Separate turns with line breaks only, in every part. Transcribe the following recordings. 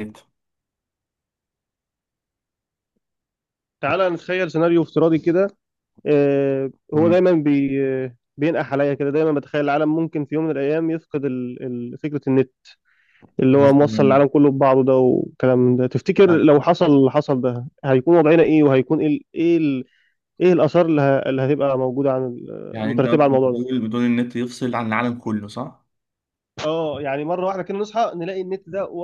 جدا.
تعالى نتخيل سيناريو افتراضي كده. هو
مم.
دايما بي آه، بينقح عليا كده، دايما بتخيل العالم ممكن في يوم من الايام يفقد فكره النت اللي
يعني
هو موصل
مثلا
العالم كله ببعضه ده، والكلام من ده. تفتكر
يعني
لو حصل اللي حصل ده هيكون وضعنا ايه؟ وهيكون ايه ايه الاثار اللي هتبقى موجوده
يعني انت
مترتبه على
مثلا
الموضوع ده؟
بتقول النت يفصل عن العالم كله، صح؟
اه، يعني مره واحده كده نصحى نلاقي النت ده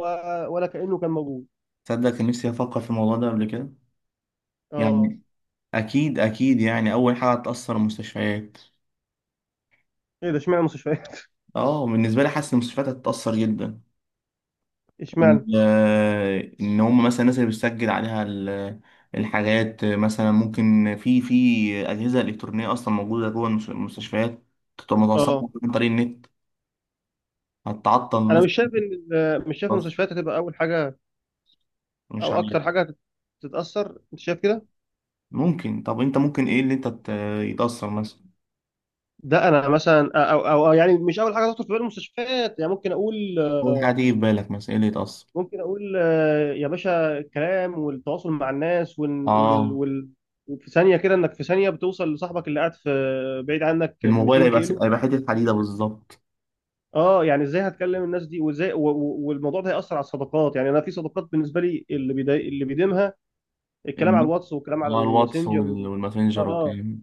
ولا كانه كان موجود.
تصدق، كان نفسي افكر في الموضوع ده قبل كده.
اه.
يعني اكيد اكيد، يعني اول حاجه هتاثر المستشفيات.
ايه ده؟ اشمعنى مستشفيات؟
اه، بالنسبه لي حاسس المستشفيات هتتاثر جدا.
اشمعنى؟
ان هم مثلا الناس اللي بتسجل عليها الحاجات، مثلا ممكن في اجهزه الكترونيه اصلا موجوده جوه المستشفيات، تبقى متوصله
اه،
عن طريق النت، هتعطل
انا
الناس.
مش شايف مش شايف
خلاص،
المستشفيات هتبقى اول حاجه
مش
او
عارف.
اكتر حاجه تتاثر. انت شايف كده؟
ممكن. طب انت ممكن ايه اللي انت يتأثر مثلا؟
ده انا مثلا أو يعني مش اول حاجه تخطر في بال المستشفيات، يعني. ممكن اقول
اول حاجة تيجي في بالك مثلا ايه اللي يتأثر؟
ممكن اقول آه، يا باشا، الكلام والتواصل مع الناس، وال وال
اه،
وال وفي ثانيه كده، انك في ثانيه بتوصل لصاحبك اللي قاعد في بعيد عنك
الموبايل
200
هيبقى
كيلو، أنت
هيبقى حتة
بتتكلم
حديدة
بيه.
بالظبط.
اه، يعني ازاي هتكلم الناس دي وازاي؟ والموضوع ده هيأثر على الصداقات. يعني انا في صداقات بالنسبه لي اللي بيديمها الكلام على
النت،
الواتس، والكلام على
اه الواتس
الماسنجر،
والماسنجر
اه،
والكلام.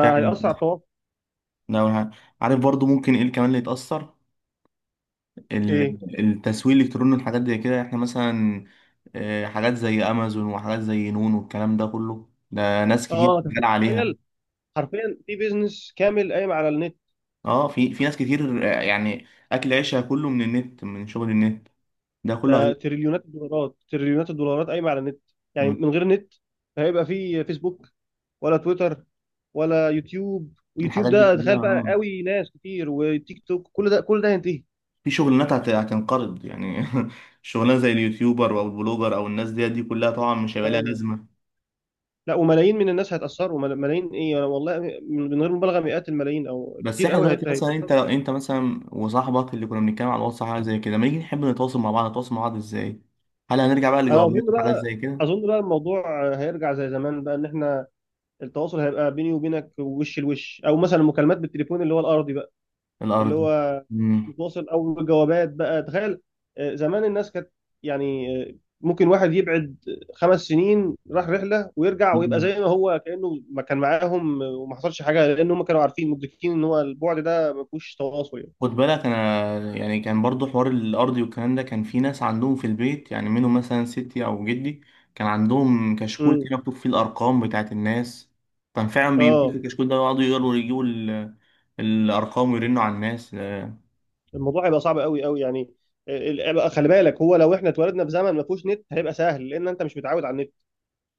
فعلا
على
صح،
التواصل.
ده اول حاجة. عارف برضو ممكن ايه كمان اللي يتأثر؟
ايه.
التسويق الالكتروني والحاجات زي كده، احنا مثلا حاجات زي امازون وحاجات زي نون والكلام ده كله، ده ناس كتير
اه.
شغال عليها.
تخيل، حرفيا في بيزنس كامل قايم على النت.
اه، في ناس كتير يعني اكل عيشها كله من النت، من شغل النت ده
ده
كله.
تريليونات الدولارات، تريليونات الدولارات قايمه على النت. يعني
هيبقى
من غير نت هيبقى في فيسبوك، ولا تويتر، ولا يوتيوب؟ ويوتيوب
الحاجات دي
ده تخيل
كلها،
بقى
اه.
قوي، ناس كتير، وتيك توك، كل ده كل ده هينتهي.
في شغلانات هتنقرض يعني. شغلانه زي اليوتيوبر او البلوجر او الناس دي كلها طبعا مش هيبقى لها
آه.
لازمه.
لا، وملايين من الناس هيتأثروا، ملايين. ايه، انا والله من غير مبالغه مئات الملايين او
بس
كتير
احنا
قوي
دلوقتي، مثلا انت
هيتأثروا.
لو انت مثلا وصاحبك اللي كنا بنتكلم على الواتس حاجه زي كده، لما نيجي نحب نتواصل مع بعض، نتواصل مع بعض ازاي؟ هل هنرجع بقى
انا
لجوابات
اظن
وحاجات
بقى
زي كده؟
اظن بقى الموضوع هيرجع زي زمان بقى، ان احنا التواصل هيبقى بيني وبينك وش لوش، او مثلا مكالمات بالتليفون اللي هو الارضي بقى، اللي
الارض.
هو متواصل، او جوابات بقى. تخيل، آه، زمان الناس كانت، يعني، آه، ممكن واحد يبعد خمس سنين راح رحله ويرجع ويبقى زي ما هو، كانه ما كان معاهم، آه، وما حصلش حاجه، لان هم كانوا عارفين مدركين ان هو البعد ده ما فيهوش تواصل، يعني.
خد بالك انا يعني كان برضو حوار الارضي والكلام ده، كان في ناس عندهم في البيت يعني، منهم مثلا ستي او جدي، كان عندهم كشكول
امم.
كده مكتوب فيه الارقام بتاعت الناس. كان فعلا بيمسكوا
اه،
الكشكول ده ويقعدوا يقروا يجيبوا الارقام ويرنوا على الناس.
الموضوع هيبقى صعب قوي قوي، يعني. آه، بقى خلي بالك، هو لو احنا اتولدنا في زمن ما فيهوش نت هيبقى سهل، لان انت مش متعود على النت.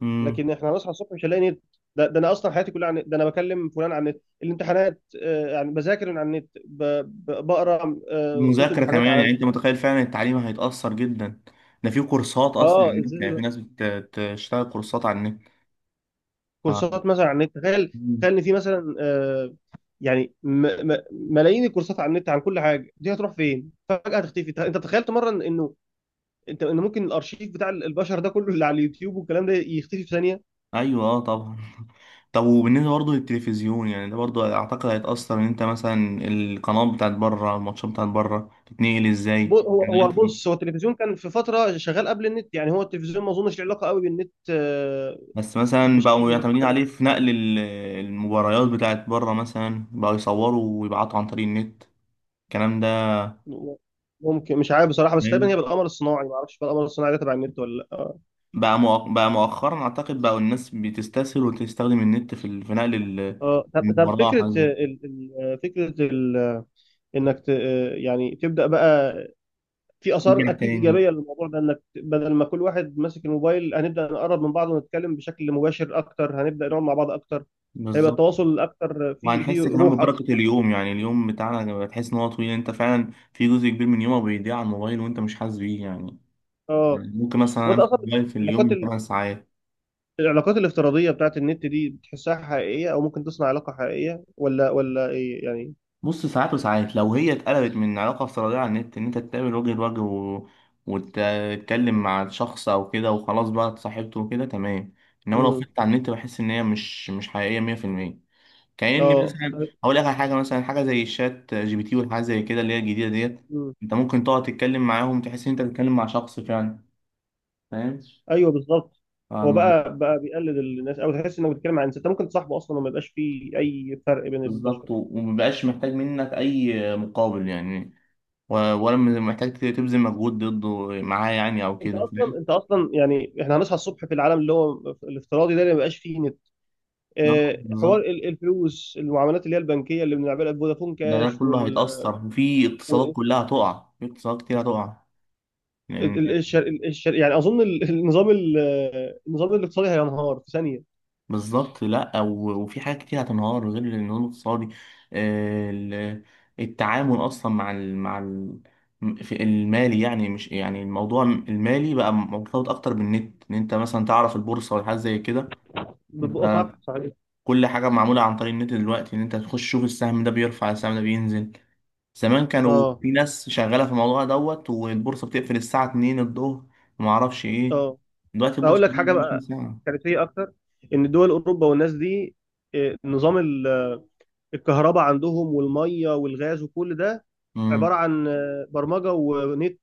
امم.
لكن احنا هنصحى الصبح مش هنلاقي نت. ده انا اصلا حياتي كلها عن النت. ده انا بكلم فلان عن النت، الامتحانات، آه، يعني بذاكر من على النت، بقرا آه، كتب
المذاكره
وحاجات
كمان
على
يعني،
النت.
انت متخيل؟ فعلا التعليم هيتاثر جدا. ده في كورسات اصلا على
اه،
النت،
ازاي
يعني في
بقى؟
ناس بتشتغل كورسات على النت. ف-
كورسات مثلا على النت؟ تخيل.
مم.
تخيل ان في مثلا، آه، يعني م م ملايين الكورسات على النت عن كل حاجه، دي هتروح فين؟ فجاه هتختفي. انت تخيلت مره انه انت ان ممكن الارشيف بتاع البشر ده كله، اللي على اليوتيوب والكلام ده، يختفي في ثانيه؟
ايوه، اه، طبعا. طب وبالنسبة برضه للتلفزيون يعني، ده برضه أعتقد هيتأثر. إن أنت مثلا القنوات بتاعت بره، الماتشات بتاعت بره تتنقل إزاي
هو
دلوقتي؟
بص، هو التلفزيون كان في فتره شغال قبل النت، يعني هو التلفزيون ما اظنش له علاقه قوي بالنت آه،
بس مثلا
بشكل
بقوا يعتمدين
مباشر.
عليه في نقل المباريات بتاعت بره، مثلا بقوا يصوروا ويبعتوا عن طريق النت الكلام ده.
ممكن، مش عارف بصراحة، بس تقريبا هي
تمام.
بالقمر الصناعي. ما اعرفش بقى القمر الصناعي ده تبع النت ولا لا. اه.
بقى مؤخرا أعتقد بقوا الناس بتستسهل وتستخدم النت في في نقل ال-
آه، طب
المباراة
فكرة
حاجة زي كده.
فكرة انك يعني تبدأ بقى في آثار
نرجع
اكيد
تاني،
إيجابية للموضوع ده، انك بدل ما كل واحد ماسك الموبايل هنبدأ نقرب من بعض ونتكلم بشكل مباشر اكتر، هنبدأ نقعد مع بعض اكتر. هيبقى
بالظبط.
التواصل اكتر، في في
وهنحس كمان
روح
ببركة
اكتر.
اليوم، يعني اليوم بتاعنا لما تحس ان هو طويل، انت فعلا في جزء كبير من يومك بيضيع على الموبايل وانت مش حاسس بيه يعني.
اه،
ممكن مثلا
وانت
امسك
اصلا،
الموبايل في
العلاقات،
اليوم 8 ساعات.
العلاقات الافتراضية بتاعت النت دي بتحسها حقيقية، أو ممكن تصنع علاقة حقيقية، ولا إيه يعني؟
بص، ساعات وساعات، لو هي اتقلبت من علاقة افتراضية على النت ان انت تتقابل وجه لوجه وتتكلم مع شخص او كده، وخلاص بقى اتصاحبته وكده تمام. انما لو
امم.
فضلت على النت بحس ان هي مش حقيقية 100%. كأني
اه.
مثلا هقول لك على حاجه، مثلا حاجه زي الشات جي بي تي والحاجات زي كده، اللي هي الجديده ديت.
امم.
انت ممكن تقعد تتكلم معاهم، تحس ان انت بتتكلم مع شخص فعلا، فاهم؟
ايوه، بالظبط. هو
فالموضوع.
بقى بقى بيقلد الناس، أو تحس إنك بتتكلم عن إنسان أنت ممكن تصاحبه أصلا، وما يبقاش فيه أي فرق بين البشر،
بالظبط،
يعني.
ومبقاش محتاج منك اي مقابل يعني، ولا محتاج تبذل مجهود ضده معاه يعني او
أنت
كده،
أصلا
فاهم؟
أنت أصلا يعني إحنا هنصحى الصبح في العالم اللي هو الافتراضي ده اللي ما بيبقاش فيه نت.
ده
آه، حوار
بالظبط.
الفلوس، المعاملات اللي هي البنكية اللي بنعملها بفودافون
ده
كاش،
كله
وال،
هيتأثر، وفي اقتصادات
و-
كلها هتقع، في اقتصادات كتير هتقع.
يعني أظن النظام النظام الاقتصادي هينهار في ثانية.
بالظبط لا، وفي حاجات كتير هتنهار غير النمو الاقتصادي. آه، ال- التعامل اصلا مع ال مع ال في المالي يعني، مش يعني، الموضوع المالي بقى مرتبط اكتر بالنت، ان انت مثلا تعرف البورصه ولا حاجه زي كده.
بتبقى
انت
صح. صحيح.
كل حاجه معموله عن طريق النت دلوقتي، ان انت تخش تشوف السهم ده بيرفع، السهم ده بينزل. زمان كانوا
اه.
في ناس شغاله في الموضوع دوت، والبورصه بتقفل الساعه 2 الظهر، وما اعرفش ايه.
اه.
دلوقتي
اقول
البورصه
لك حاجه
24
بقى
ساعه.
كارثيه اكتر، ان دول اوروبا والناس دي، آه، نظام الكهرباء عندهم والميه والغاز وكل ده عباره
امم،
عن آه، برمجه ونت.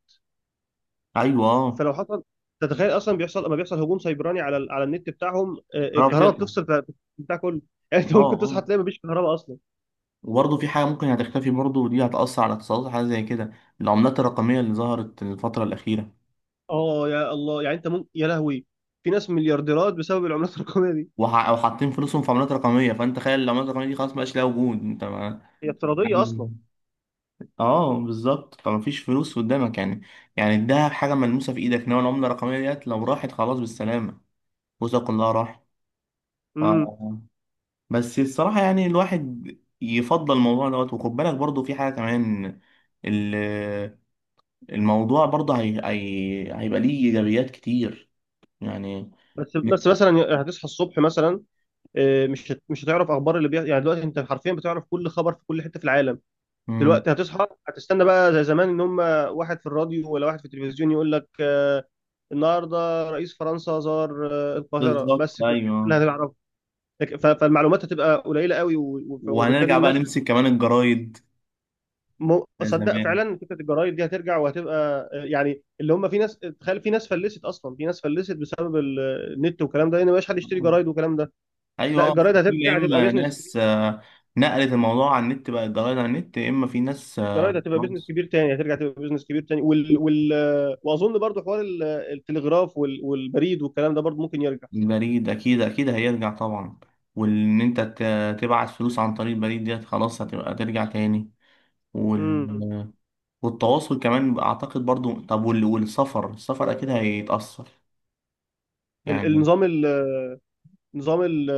ايوه، اه،
فلو حصل، تتخيل اصلا بيحصل لما بيحصل هجوم سيبراني على النت بتاعهم، آه،
قربت،
الكهرباء بتفصل، بتاع كله. يعني انت
اه،
ممكن
اه.
تصحى تلاقي مفيش كهرباء اصلا.
وبرضه في حاجة ممكن هتختفي برضه، ودي هتأثر على الاقتصادات، حاجة زي كده العملات الرقمية اللي ظهرت الفترة الأخيرة.
اه، يا الله، يعني انت ممكن، يا لهوي، في ناس مليارديرات بسبب العملات الرقميه دي.
أو حاطين فلوسهم في عملات رقمية، فأنت تخيل العملات الرقمية دي خلاص مبقاش لها وجود، أنت ما...
هي افتراضيه اصلا.
يعني اه، بالظبط، فمفيش فلوس قدامك يعني. يعني الدهب حاجة ملموسة في إيدك، إنما العملة الرقمية ديت لو راحت، خلاص بالسلامة، فلوسك كلها راحت. آه.
امم.
آه. بس الصراحة يعني الواحد يفضل الموضوع دوت. وخد بالك برضه في حاجة كمان، الموضوع برضه هيبقى ليه إيجابيات كتير يعني.
بس مثلا هتصحى الصبح مثلا، آه، مش هتعرف اخبار اللي بيحصل. يعني دلوقتي انت حرفيا بتعرف كل خبر في كل حته في العالم.
مم.
دلوقتي هتصحى، هتستنى بقى زي زمان ان هم واحد في الراديو ولا واحد في التلفزيون يقول لك آه، النهارده رئيس فرنسا زار آه، القاهره.
بالظبط،
بس كده اللي
أيوه.
هتعرفه. فالمعلومات هتبقى قليله قوي، وبالتالي
وهنرجع بقى
الناس.
نمسك كمان الجرايد، ده
تصدق
زمان.
فعلا فكره الجرايد دي هترجع، وهتبقى آه، يعني اللي هم، في ناس، تخيل، في ناس فلست اصلا، في ناس فلست بسبب النت والكلام ده، لان ما بقاش حد يشتري جرايد والكلام ده. لا،
أيوه،
الجرايد
في يا
هترجع، هتبقى
إما
بيزنس.
ناس نقلت الموضوع على النت بقى الجرايد على النت، يا إما في ناس
جرايد هتبقى بيزنس
خلاص.
كبير تاني، هترجع تبقى بيزنس كبير تاني. واظن برضو حوار التلغراف والبريد والكلام ده برضو ممكن يرجع.
البريد أكيد أكيد هيرجع طبعا. وإن أنت تبعت فلوس عن طريق البريد ديت خلاص هتبقى ترجع تاني
امم.
وال... والتواصل كمان اعتقد برضو. طب والسفر، السفر اكيد هيتأثر
ال-
يعني.
النظام ال... نظام ال...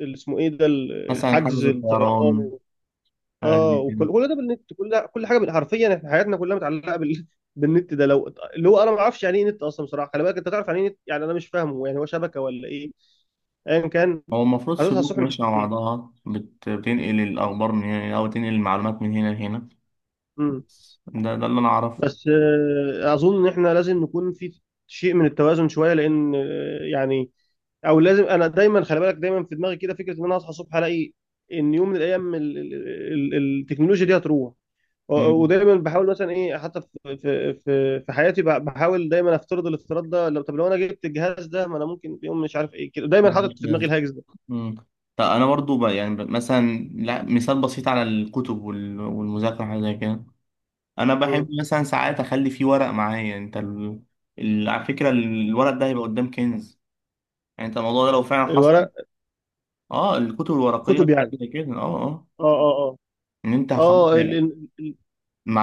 ال- اسمه ايه ده
مثلا
الحجز
حجز
الطيران
الطيران حاجة
اه،
زي كده.
وكل ده بالنت، كل ده، كل حاجه حرفيا احنا حياتنا كلها متعلقه بالنت ده. لو اللي هو انا ما اعرفش يعني ايه نت اصلا بصراحه. خلي بالك انت، تعرف يعني ايه نت؟ يعني انا مش فاهمه، يعني هو شبكه ولا ايه؟ ايا كان،
هو المفروض
هتصحى
سلوك
الصبح مش
ماشية مع
هتلاقيه.
بعضها بتنقل الأخبار من هنا، أو تنقل المعلومات من هنا لهنا. بس ده اللي أنا أعرفه.
بس آه، اظن ان احنا لازم نكون في شيء من التوازن شويه، لان آه، يعني، او لازم، انا دايما خلي بالك دايما في دماغي كده فكره ان انا اصحى الصبح الاقي ان يوم من الايام التكنولوجيا دي هتروح. و-
مم.
ودايما بحاول مثلا ايه، حتى في حياتي، بحاول دايما افترض الافتراض ده. لو، طب، لو انا جبت الجهاز ده، ما انا ممكن في يوم مش عارف ايه كده. دايما
ملوش
حاطط في دماغي
لازمة.
الهاجس ده.
مم. طب أنا برضو بقى يعني مثلا، لا، مثال بسيط على الكتب والمذاكرة حاجة زي كده. أنا بحب
مم.
مثلا ساعات أخلي فيه ورق معايا. أنت على فكرة الورق ده هيبقى قدام كنز يعني. أنت الموضوع ده لو فعلا حصل.
الورق،
أه، الكتب الورقية
كتب
حاجة
يعني.
زي كده، أه، أه،
اه. اه.
ان انت خلاص
اه. اه.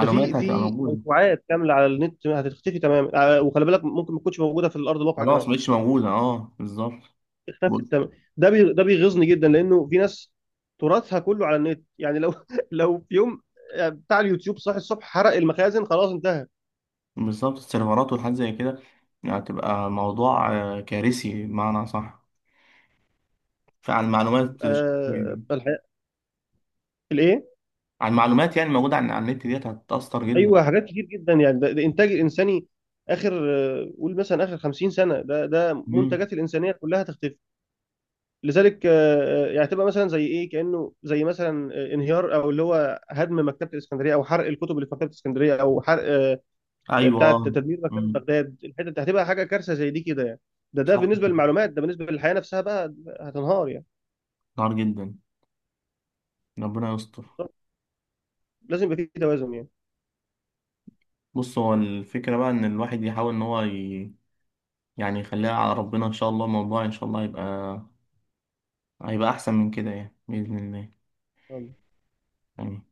ده في
هتبقى
في
موجودة.
موسوعات كامله على النت هتختفي تماما، آه، وخلي بالك ممكن ما تكونش موجوده في الارض الواقع
خلاص
كمان.
مش موجودة، اه، بالظبط.
اختفت
بص-
تماما. ده بيغيظني جدا، لانه في ناس تراثها كله على النت. يعني لو لو في يوم، آه، بتاع اليوتيوب صاحي الصبح حرق المخازن، خلاص انتهى.
بالظبط، السيرفرات والحاجات زي كده هتبقى موضوع كارثي، بمعنى صح. فعن المعلومات عن
آه، الحياه، الايه.
المعلومات يعني الموجودة عن على النت ديت هتتأثر جدا.
ايوه، حاجات كتير جدا يعني. ده انتاج الانساني اخر، آه، قول مثلا اخر 50 سنه، ده ده
مم.
منتجات الانسانيه كلها تختفي. لذلك يعني تبقى مثلا زي ايه، كانه زي مثلا آه، انهيار او اللي هو هدم مكتبه الاسكندريه، او حرق الكتب اللي في مكتبه الاسكندريه، او حرق
أيوه،
بتاعه،
اه.
تدمير مكتبه
مم.
بغداد. الحته دي هتبقى حاجه كارثه زي دي كده يعني. ده
صح.
بالنسبه للمعلومات. ده بالنسبه للحياه نفسها بقى، هتنهار يعني.
نار جدا، ربنا يستر.
لازم يبقى في توازن
بص هو الفكرة بقى إن الواحد يحاول إن هو يعني يخليها على ربنا إن شاء الله، الموضوع إن شاء الله هيبقى أحسن من كده يعني بإذن الله.
يعني.
آمين.